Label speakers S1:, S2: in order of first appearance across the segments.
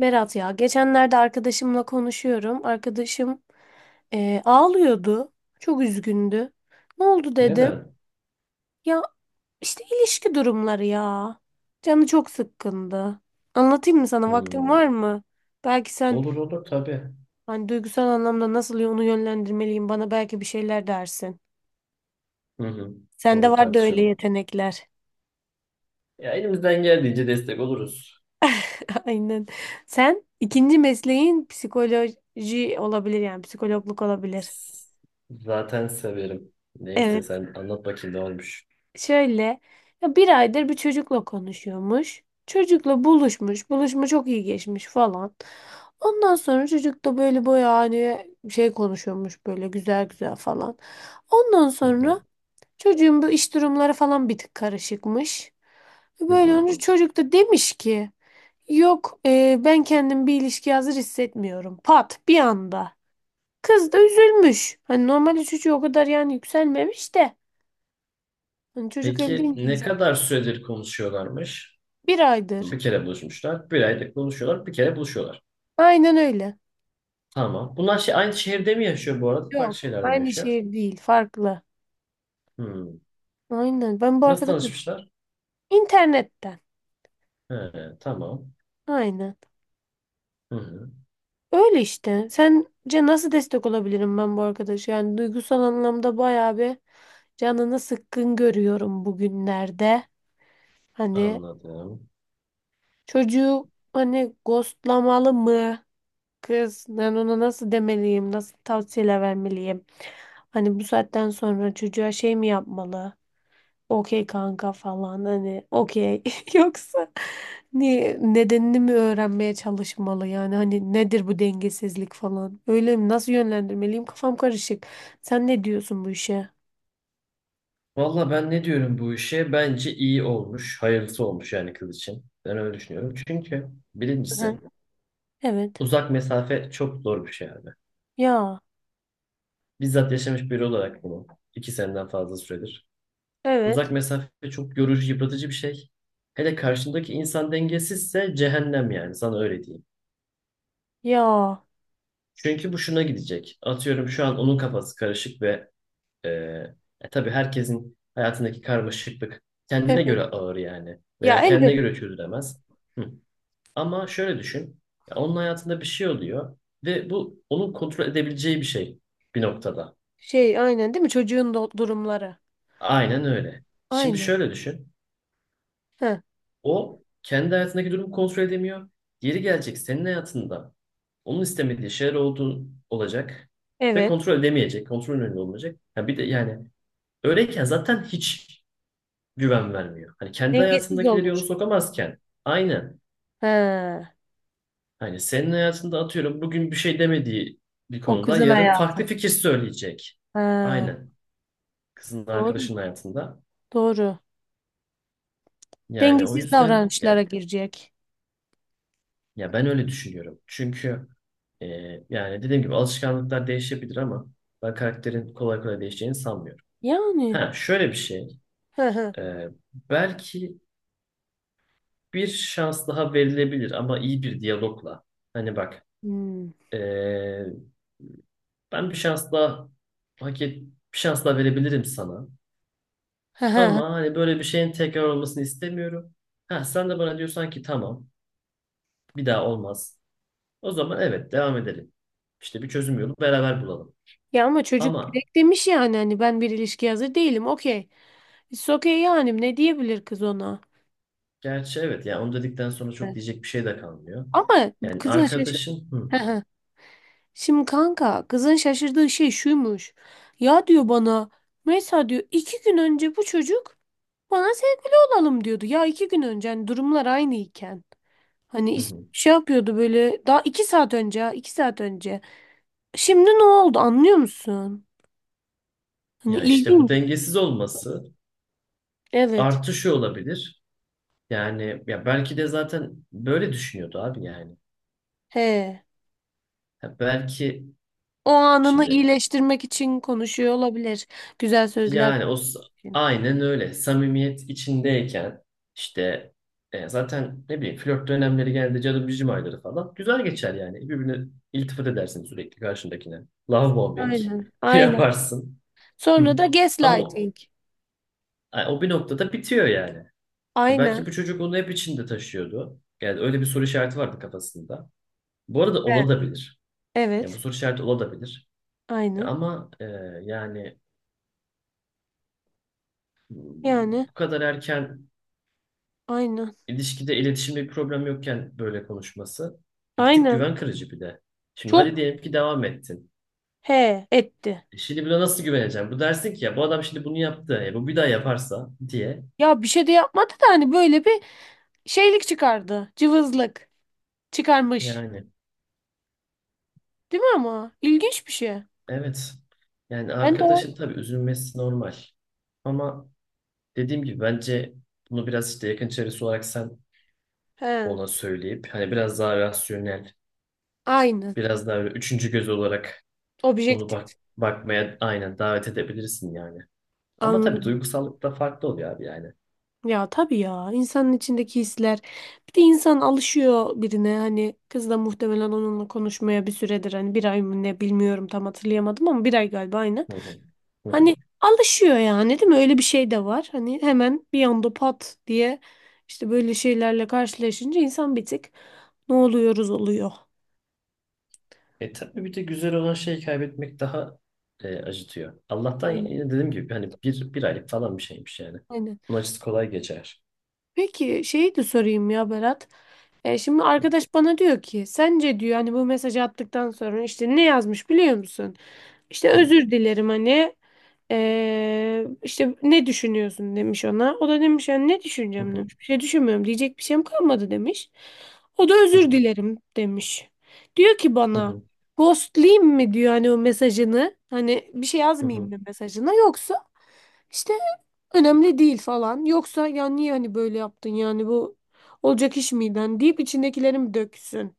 S1: Berat ya geçenlerde arkadaşımla konuşuyorum. Arkadaşım ağlıyordu. Çok üzgündü. Ne oldu dedim.
S2: Neden?
S1: Ya işte ilişki durumları ya. Canı çok sıkkındı. Anlatayım mı sana? Vaktin
S2: Hmm.
S1: var mı? Belki sen
S2: Olur olur tabii.
S1: hani duygusal anlamda nasıl onu yönlendirmeliyim bana belki bir şeyler dersin.
S2: Hı hı.
S1: Sende
S2: Olur
S1: var da öyle
S2: tartışalım.
S1: yetenekler.
S2: Ya elimizden geldiğince destek oluruz.
S1: Aynen. Sen ikinci mesleğin psikoloji olabilir yani psikologluk olabilir.
S2: S- Zaten severim. Neyse
S1: Evet.
S2: sen anlat bakayım ne olmuş.
S1: Şöyle ya bir aydır bir çocukla konuşuyormuş. Çocukla buluşmuş. Buluşma çok iyi geçmiş falan. Ondan sonra çocuk da böyle bayağı hani şey konuşuyormuş böyle güzel güzel falan. Ondan
S2: Hı hı.
S1: sonra çocuğun bu iş durumları falan bir tık karışıkmış.
S2: Hı
S1: Böyle
S2: hı.
S1: onu çocuk da demiş ki yok ben kendim bir ilişkiye hazır hissetmiyorum. Pat bir anda. Kız da üzülmüş. Hani normalde çocuğu o kadar yani yükselmemiş de. Hani çocuk öyle
S2: Peki
S1: deyince
S2: ne
S1: insan.
S2: kadar süredir konuşuyorlarmış?
S1: Bir aydır.
S2: Bir kere buluşmuşlar. Bir aydır konuşuyorlar. Bir kere buluşuyorlar.
S1: Aynen öyle.
S2: Tamam. Bunlar şey, aynı şehirde mi yaşıyor bu arada? Farklı
S1: Yok.
S2: şehirlerde mi
S1: Aynı
S2: yaşıyor?
S1: şehir değil. Farklı.
S2: Hmm.
S1: Aynen. Ben bu
S2: Nasıl
S1: arkadaşım.
S2: tanışmışlar?
S1: İnternetten.
S2: He, tamam.
S1: Aynen.
S2: Hı hı.
S1: Öyle işte. Sence nasıl destek olabilirim ben bu arkadaşa? Yani duygusal anlamda bayağı bir canını sıkkın görüyorum bugünlerde. Hani
S2: Anladım.
S1: çocuğu hani ghostlamalı mı? Kız ben ona nasıl demeliyim? Nasıl tavsiyeler vermeliyim? Hani bu saatten sonra çocuğa şey mi yapmalı? Okey kanka falan hani okey yoksa niye nedenini mi öğrenmeye çalışmalı yani hani nedir bu dengesizlik falan öyle mi nasıl yönlendirmeliyim kafam karışık sen ne diyorsun bu işe?
S2: Valla ben ne diyorum bu işe? Bence iyi olmuş, hayırlısı olmuş yani kız için. Ben öyle düşünüyorum. Çünkü
S1: Hı,
S2: birincisi
S1: evet,
S2: uzak mesafe çok zor bir şey abi.
S1: ya.
S2: Bizzat yaşamış biri olarak bunu 2 seneden fazla süredir.
S1: Evet.
S2: Uzak mesafe çok yorucu, yıpratıcı bir şey. Hele karşındaki insan dengesizse cehennem yani sana öyle diyeyim.
S1: Ya.
S2: Çünkü bu şuna gidecek. Atıyorum şu an onun kafası karışık ve e, tabii herkesin hayatındaki karmaşıklık kendine
S1: Evet.
S2: göre ağır yani.
S1: Ya
S2: Veya kendine
S1: elbet.
S2: göre çözülemez. Hı. Ama şöyle düşün. Ya onun hayatında bir şey oluyor ve bu onun kontrol edebileceği bir şey bir noktada.
S1: Şey aynen değil mi çocuğun durumları,
S2: Aynen öyle. Şimdi
S1: aynen.
S2: şöyle düşün.
S1: Heh,
S2: O kendi hayatındaki durumu kontrol edemiyor. Yeri gelecek senin hayatında onun istemediği şeyler olduğu olacak ve
S1: evet,
S2: kontrol edemeyecek, kontrol önünde olmayacak. Ya bir de yani öyleyken zaten hiç güven vermiyor. Hani kendi
S1: dengesiz
S2: hayatındakileri
S1: olur.
S2: yoluna sokamazken, aynen,
S1: He,
S2: hani senin hayatında atıyorum bugün bir şey demediği bir
S1: o
S2: konuda
S1: kızın
S2: yarın
S1: hayatı.
S2: farklı fikir söyleyecek.
S1: He,
S2: Aynen. Kızın
S1: doğru,
S2: arkadaşının hayatında.
S1: doğru,
S2: Yani o
S1: dengesiz
S2: yüzden
S1: davranışlara
S2: ya,
S1: girecek.
S2: ben öyle düşünüyorum. Çünkü e, yani dediğim gibi alışkanlıklar değişebilir ama ben karakterin kolay kolay değişeceğini sanmıyorum.
S1: Yani.
S2: Ha, şöyle bir şey.
S1: Hı hı.
S2: e, Belki bir şans daha verilebilir ama iyi bir diyalogla. Hani bak,
S1: Hmm.
S2: e, ben bir şans daha hak et, bir şans daha verebilirim sana.
S1: Hı hı.
S2: Ama hani böyle bir şeyin tekrar olmasını istemiyorum. Ha, sen de bana diyorsan ki tamam, bir daha olmaz. O zaman evet, devam edelim. İşte bir çözüm yolu beraber bulalım.
S1: Ya ama çocuk
S2: Ama
S1: direkt demiş yani hani ben bir ilişkiye hazır değilim. Okey. It's okay yani ne diyebilir kız ona?
S2: gerçi evet, yani onu dedikten sonra çok
S1: Evet.
S2: diyecek bir şey de kalmıyor.
S1: Ama
S2: Yani
S1: kızın şaşır...
S2: arkadaşın, hı,
S1: Hı hı. Şimdi kanka kızın şaşırdığı şey şuymuş. Ya diyor bana mesela diyor iki gün önce bu çocuk bana sevgili olalım diyordu. Ya iki gün önce hani durumlar aynıyken. Hani
S2: hı, hı.
S1: şey yapıyordu böyle daha iki saat önce ha, iki saat önce. Şimdi ne oldu anlıyor musun? Hani
S2: Ya işte bu
S1: ilginç.
S2: dengesiz olması
S1: Evet.
S2: artışı olabilir. Yani ya belki de zaten böyle düşünüyordu abi yani.
S1: He.
S2: Ha belki
S1: O anını
S2: şimdi,
S1: iyileştirmek için konuşuyor olabilir. Güzel sözler
S2: yani o
S1: için.
S2: aynen öyle. Samimiyet içindeyken işte zaten ne bileyim flört dönemleri geldi, cadı bicim ayları falan. Güzel geçer yani. Birbirine iltifat edersin sürekli karşındakine. Love bombing
S1: Aynen. Aynen.
S2: yaparsın. Hı.
S1: Sonra da
S2: Ama o,
S1: gaslighting.
S2: ay, o bir noktada bitiyor yani.
S1: Aynen.
S2: Belki bu çocuk onu hep içinde taşıyordu. Yani öyle bir soru işareti vardı kafasında. Bu arada
S1: He.
S2: olabilir. Yani bu
S1: Evet.
S2: soru işareti olabilir.
S1: Aynen.
S2: Ama yani
S1: Yani
S2: bu kadar erken
S1: aynen.
S2: İlişkide, iletişimde bir problem yokken böyle konuşması bir tık
S1: Aynen.
S2: güven kırıcı bir de. Şimdi hadi
S1: Çok
S2: diyelim ki devam ettin.
S1: he etti.
S2: Şimdi buna nasıl güveneceğim? Bu dersin ki ya bu adam şimdi bunu yaptı. Bu bir daha yaparsa diye.
S1: Ya bir şey de yapmadı da hani böyle bir şeylik çıkardı. Cıvızlık çıkarmış.
S2: Yani
S1: Değil mi ama? İlginç bir şey.
S2: evet. Yani
S1: Ben de o-
S2: arkadaşın tabii üzülmesi normal. Ama dediğim gibi bence bunu biraz işte yakın çevresi olarak sen
S1: he.
S2: ona söyleyip hani biraz daha rasyonel,
S1: Aynen.
S2: biraz daha böyle üçüncü göz olarak onu bak
S1: Objektif.
S2: bakmaya aynen davet edebilirsin yani. Ama tabii
S1: Anladım.
S2: duygusallık da farklı oluyor abi yani.
S1: Ya tabii ya insanın içindeki hisler bir de insan alışıyor birine hani kız da muhtemelen onunla konuşmaya bir süredir hani bir ay mı ne bilmiyorum tam hatırlayamadım ama bir ay galiba aynen.
S2: Hı hı. Hı hı.
S1: Hani alışıyor yani değil mi öyle bir şey de var hani hemen bir anda pat diye işte böyle şeylerle karşılaşınca insan bir tık ne oluyoruz oluyor.
S2: E tabii bir de güzel olan şeyi kaybetmek daha acıtıyor. Allah'tan
S1: Aynen,
S2: yine dediğim gibi hani bir aylık falan bir şeymiş yani.
S1: aynen.
S2: Bunun acısı kolay geçer.
S1: Peki şeyi de sorayım ya Berat. E şimdi arkadaş bana diyor ki sence diyor hani bu mesajı attıktan sonra işte ne yazmış biliyor musun? İşte
S2: Hı.
S1: özür dilerim hani işte ne düşünüyorsun demiş ona. O da demiş yani ne
S2: Hı
S1: düşüneceğim
S2: hı.
S1: demiş. Bir şey düşünmüyorum diyecek bir şeyim kalmadı demiş. O da
S2: Hı
S1: özür
S2: hı.
S1: dilerim demiş. Diyor ki
S2: Hı
S1: bana
S2: hı.
S1: ghostlayayım mi diyor hani o mesajını. Hani bir şey
S2: Hı
S1: yazmayayım
S2: hı.
S1: mı mesajına yoksa işte önemli değil falan. Yoksa ya niye hani böyle yaptın yani bu olacak iş miyden deyip içindekilerim döksün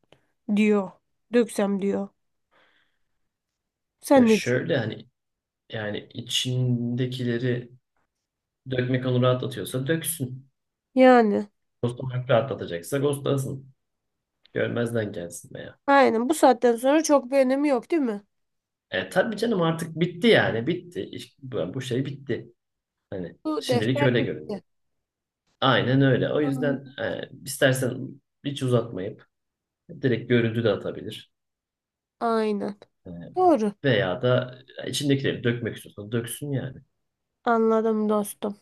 S1: diyor. Döksem diyor. Sen
S2: Ya
S1: ne diyorsun?
S2: şöyle hani yani içindekileri dökmek onu rahatlatıyorsa döksün.
S1: Yani.
S2: Ghostlamak rahatlatacaksa ghostlasın. Görmezden gelsin veya.
S1: Aynen bu saatten sonra çok bir önemi yok değil mi?
S2: E tabii canım artık bitti yani bitti. Bu, şey bitti. Hani
S1: Bu
S2: şimdilik
S1: defter
S2: öyle
S1: bitti.
S2: görünüyor. Aynen öyle. O yüzden istersen hiç uzatmayıp direkt görüntü de atabilir.
S1: Aynen.
S2: E,
S1: Doğru.
S2: Veya da içindekileri dökmek istiyorsan döksün yani.
S1: Anladım dostum.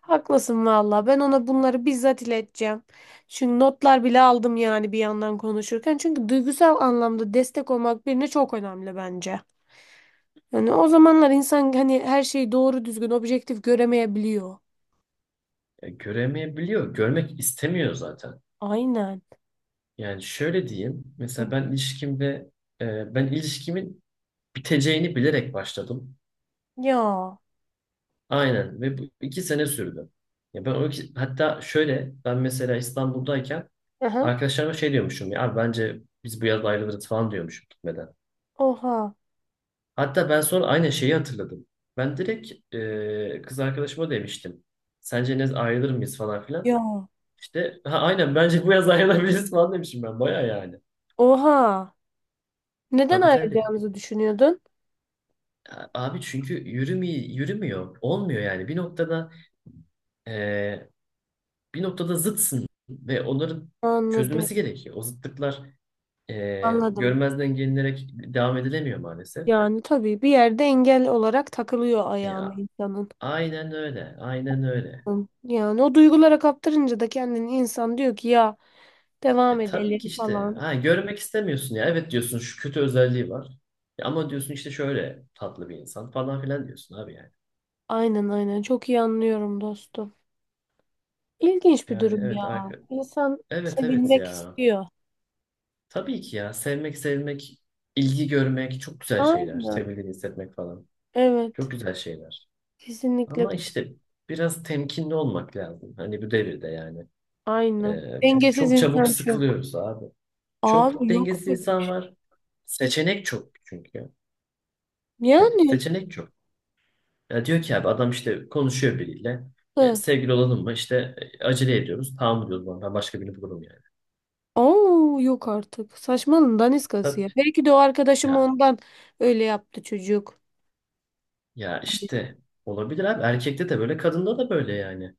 S1: Haklısın valla. Ben ona bunları bizzat ileteceğim. Çünkü notlar bile aldım yani bir yandan konuşurken. Çünkü duygusal anlamda destek olmak birine çok önemli bence. Yani o zamanlar insan hani her şeyi doğru düzgün objektif göremeyebiliyor.
S2: Göremeyebiliyor. Görmek istemiyor zaten.
S1: Aynen.
S2: Yani şöyle diyeyim. Mesela ben ilişkimin biteceğini bilerek başladım.
S1: Ya.
S2: Aynen, ve bu 2 sene sürdü. Ya ben hatta şöyle ben mesela İstanbul'dayken
S1: Aha.
S2: arkadaşlarıma şey diyormuşum, ya abi bence biz bu yaz ayrılırız falan diyormuşum gitmeden.
S1: Oha.
S2: Hatta ben sonra aynı şeyi hatırladım. Ben direkt kız arkadaşıma demiştim. Sence ne, ayrılır mıyız falan filan.
S1: Ya.
S2: İşte ha, aynen bence bu yaz ayrılabiliriz falan demişim ben. Baya yani.
S1: Oha. Neden
S2: Tabii tabii.
S1: ayrılacağınızı düşünüyordun?
S2: Ya, abi çünkü yürümüyor, yürümüyor. Olmuyor yani. E, bir noktada zıtsın ve onların
S1: Anladım.
S2: çözülmesi gerekiyor. O zıtlıklar
S1: Anladım.
S2: görmezden gelinerek devam edilemiyor maalesef.
S1: Yani tabii bir yerde engel olarak takılıyor ayağına
S2: Ya,
S1: insanın.
S2: aynen öyle. Aynen öyle.
S1: Yani o duygulara kaptırınca da kendini insan diyor ki ya devam
S2: E tabii
S1: edelim
S2: ki işte.
S1: falan.
S2: Ha, görmek istemiyorsun ya. Evet diyorsun, şu kötü özelliği var. Ya ama diyorsun işte şöyle tatlı bir insan falan filan diyorsun abi yani.
S1: Aynen, aynen çok iyi anlıyorum dostum. İlginç bir
S2: Yani
S1: durum ya.
S2: evet.
S1: İnsan
S2: Evet evet
S1: sevilmek
S2: ya.
S1: istiyor.
S2: Tabii ki ya. Sevmek, sevilmek, ilgi görmek çok güzel şeyler.
S1: Aynen.
S2: Sevildiğini hissetmek falan.
S1: Evet.
S2: Çok güzel şeyler.
S1: Kesinlikle.
S2: Ama işte biraz temkinli olmak lazım. Hani bu devirde yani.
S1: Aynen.
S2: Çünkü
S1: Dengesiz
S2: çok çabuk
S1: insan çok.
S2: sıkılıyoruz abi. Çok
S1: Abi yok.
S2: dengesiz insan var. Seçenek çok çünkü. Hani
S1: Yani.
S2: seçenek çok. Ya diyor ki abi, adam işte konuşuyor biriyle.
S1: Hı.
S2: Sevgili olalım mı? İşte acele ediyoruz. Tamam diyoruz, ben başka birini bulurum yani.
S1: Oo, yok artık. Saçmalığın daniskası ya.
S2: Tabii.
S1: Belki de o arkadaşım
S2: Ya,
S1: ondan öyle yaptı çocuk.
S2: ya, işte olabilir abi. Erkekte de böyle, kadında da böyle yani.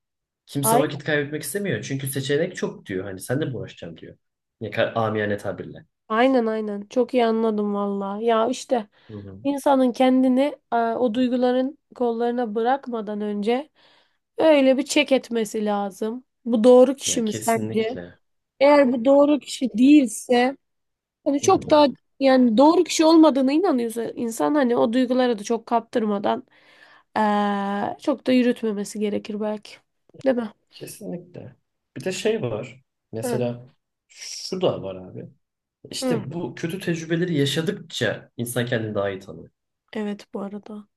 S2: Kimse
S1: Ay.
S2: vakit kaybetmek istemiyor. Çünkü seçenek çok diyor. Hani sen de mi uğraşacaksın diyor. Ne kadar amiyane tabirle.
S1: Aynen, aynen. Çok iyi anladım valla. Ya işte
S2: Hı hı.
S1: insanın kendini o duyguların kollarına bırakmadan önce öyle bir çek etmesi lazım. Bu doğru kişi
S2: Yani
S1: mi sence?
S2: kesinlikle.
S1: Eğer bu doğru kişi değilse hani
S2: Hı
S1: çok
S2: hı.
S1: daha yani doğru kişi olmadığına inanıyorsa insan hani o duygulara da çok kaptırmadan çok da yürütmemesi gerekir belki. Değil mi?
S2: Kesinlikle. Bir de şey var.
S1: Hı.
S2: Mesela şu da var abi.
S1: Hı.
S2: İşte bu kötü tecrübeleri yaşadıkça insan kendini daha iyi tanıyor.
S1: Evet bu arada.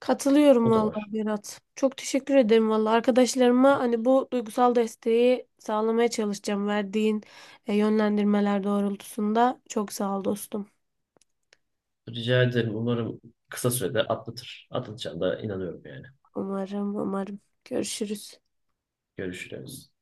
S1: Katılıyorum
S2: O da var.
S1: vallahi Berat. Çok teşekkür ederim vallahi. Arkadaşlarıma hani bu duygusal desteği sağlamaya çalışacağım. Verdiğin yönlendirmeler doğrultusunda. Çok sağ ol dostum.
S2: Rica ederim. Umarım kısa sürede atlatır. Atlatacağına da inanıyorum yani.
S1: Umarım, umarım. Görüşürüz.
S2: Görüşürüz.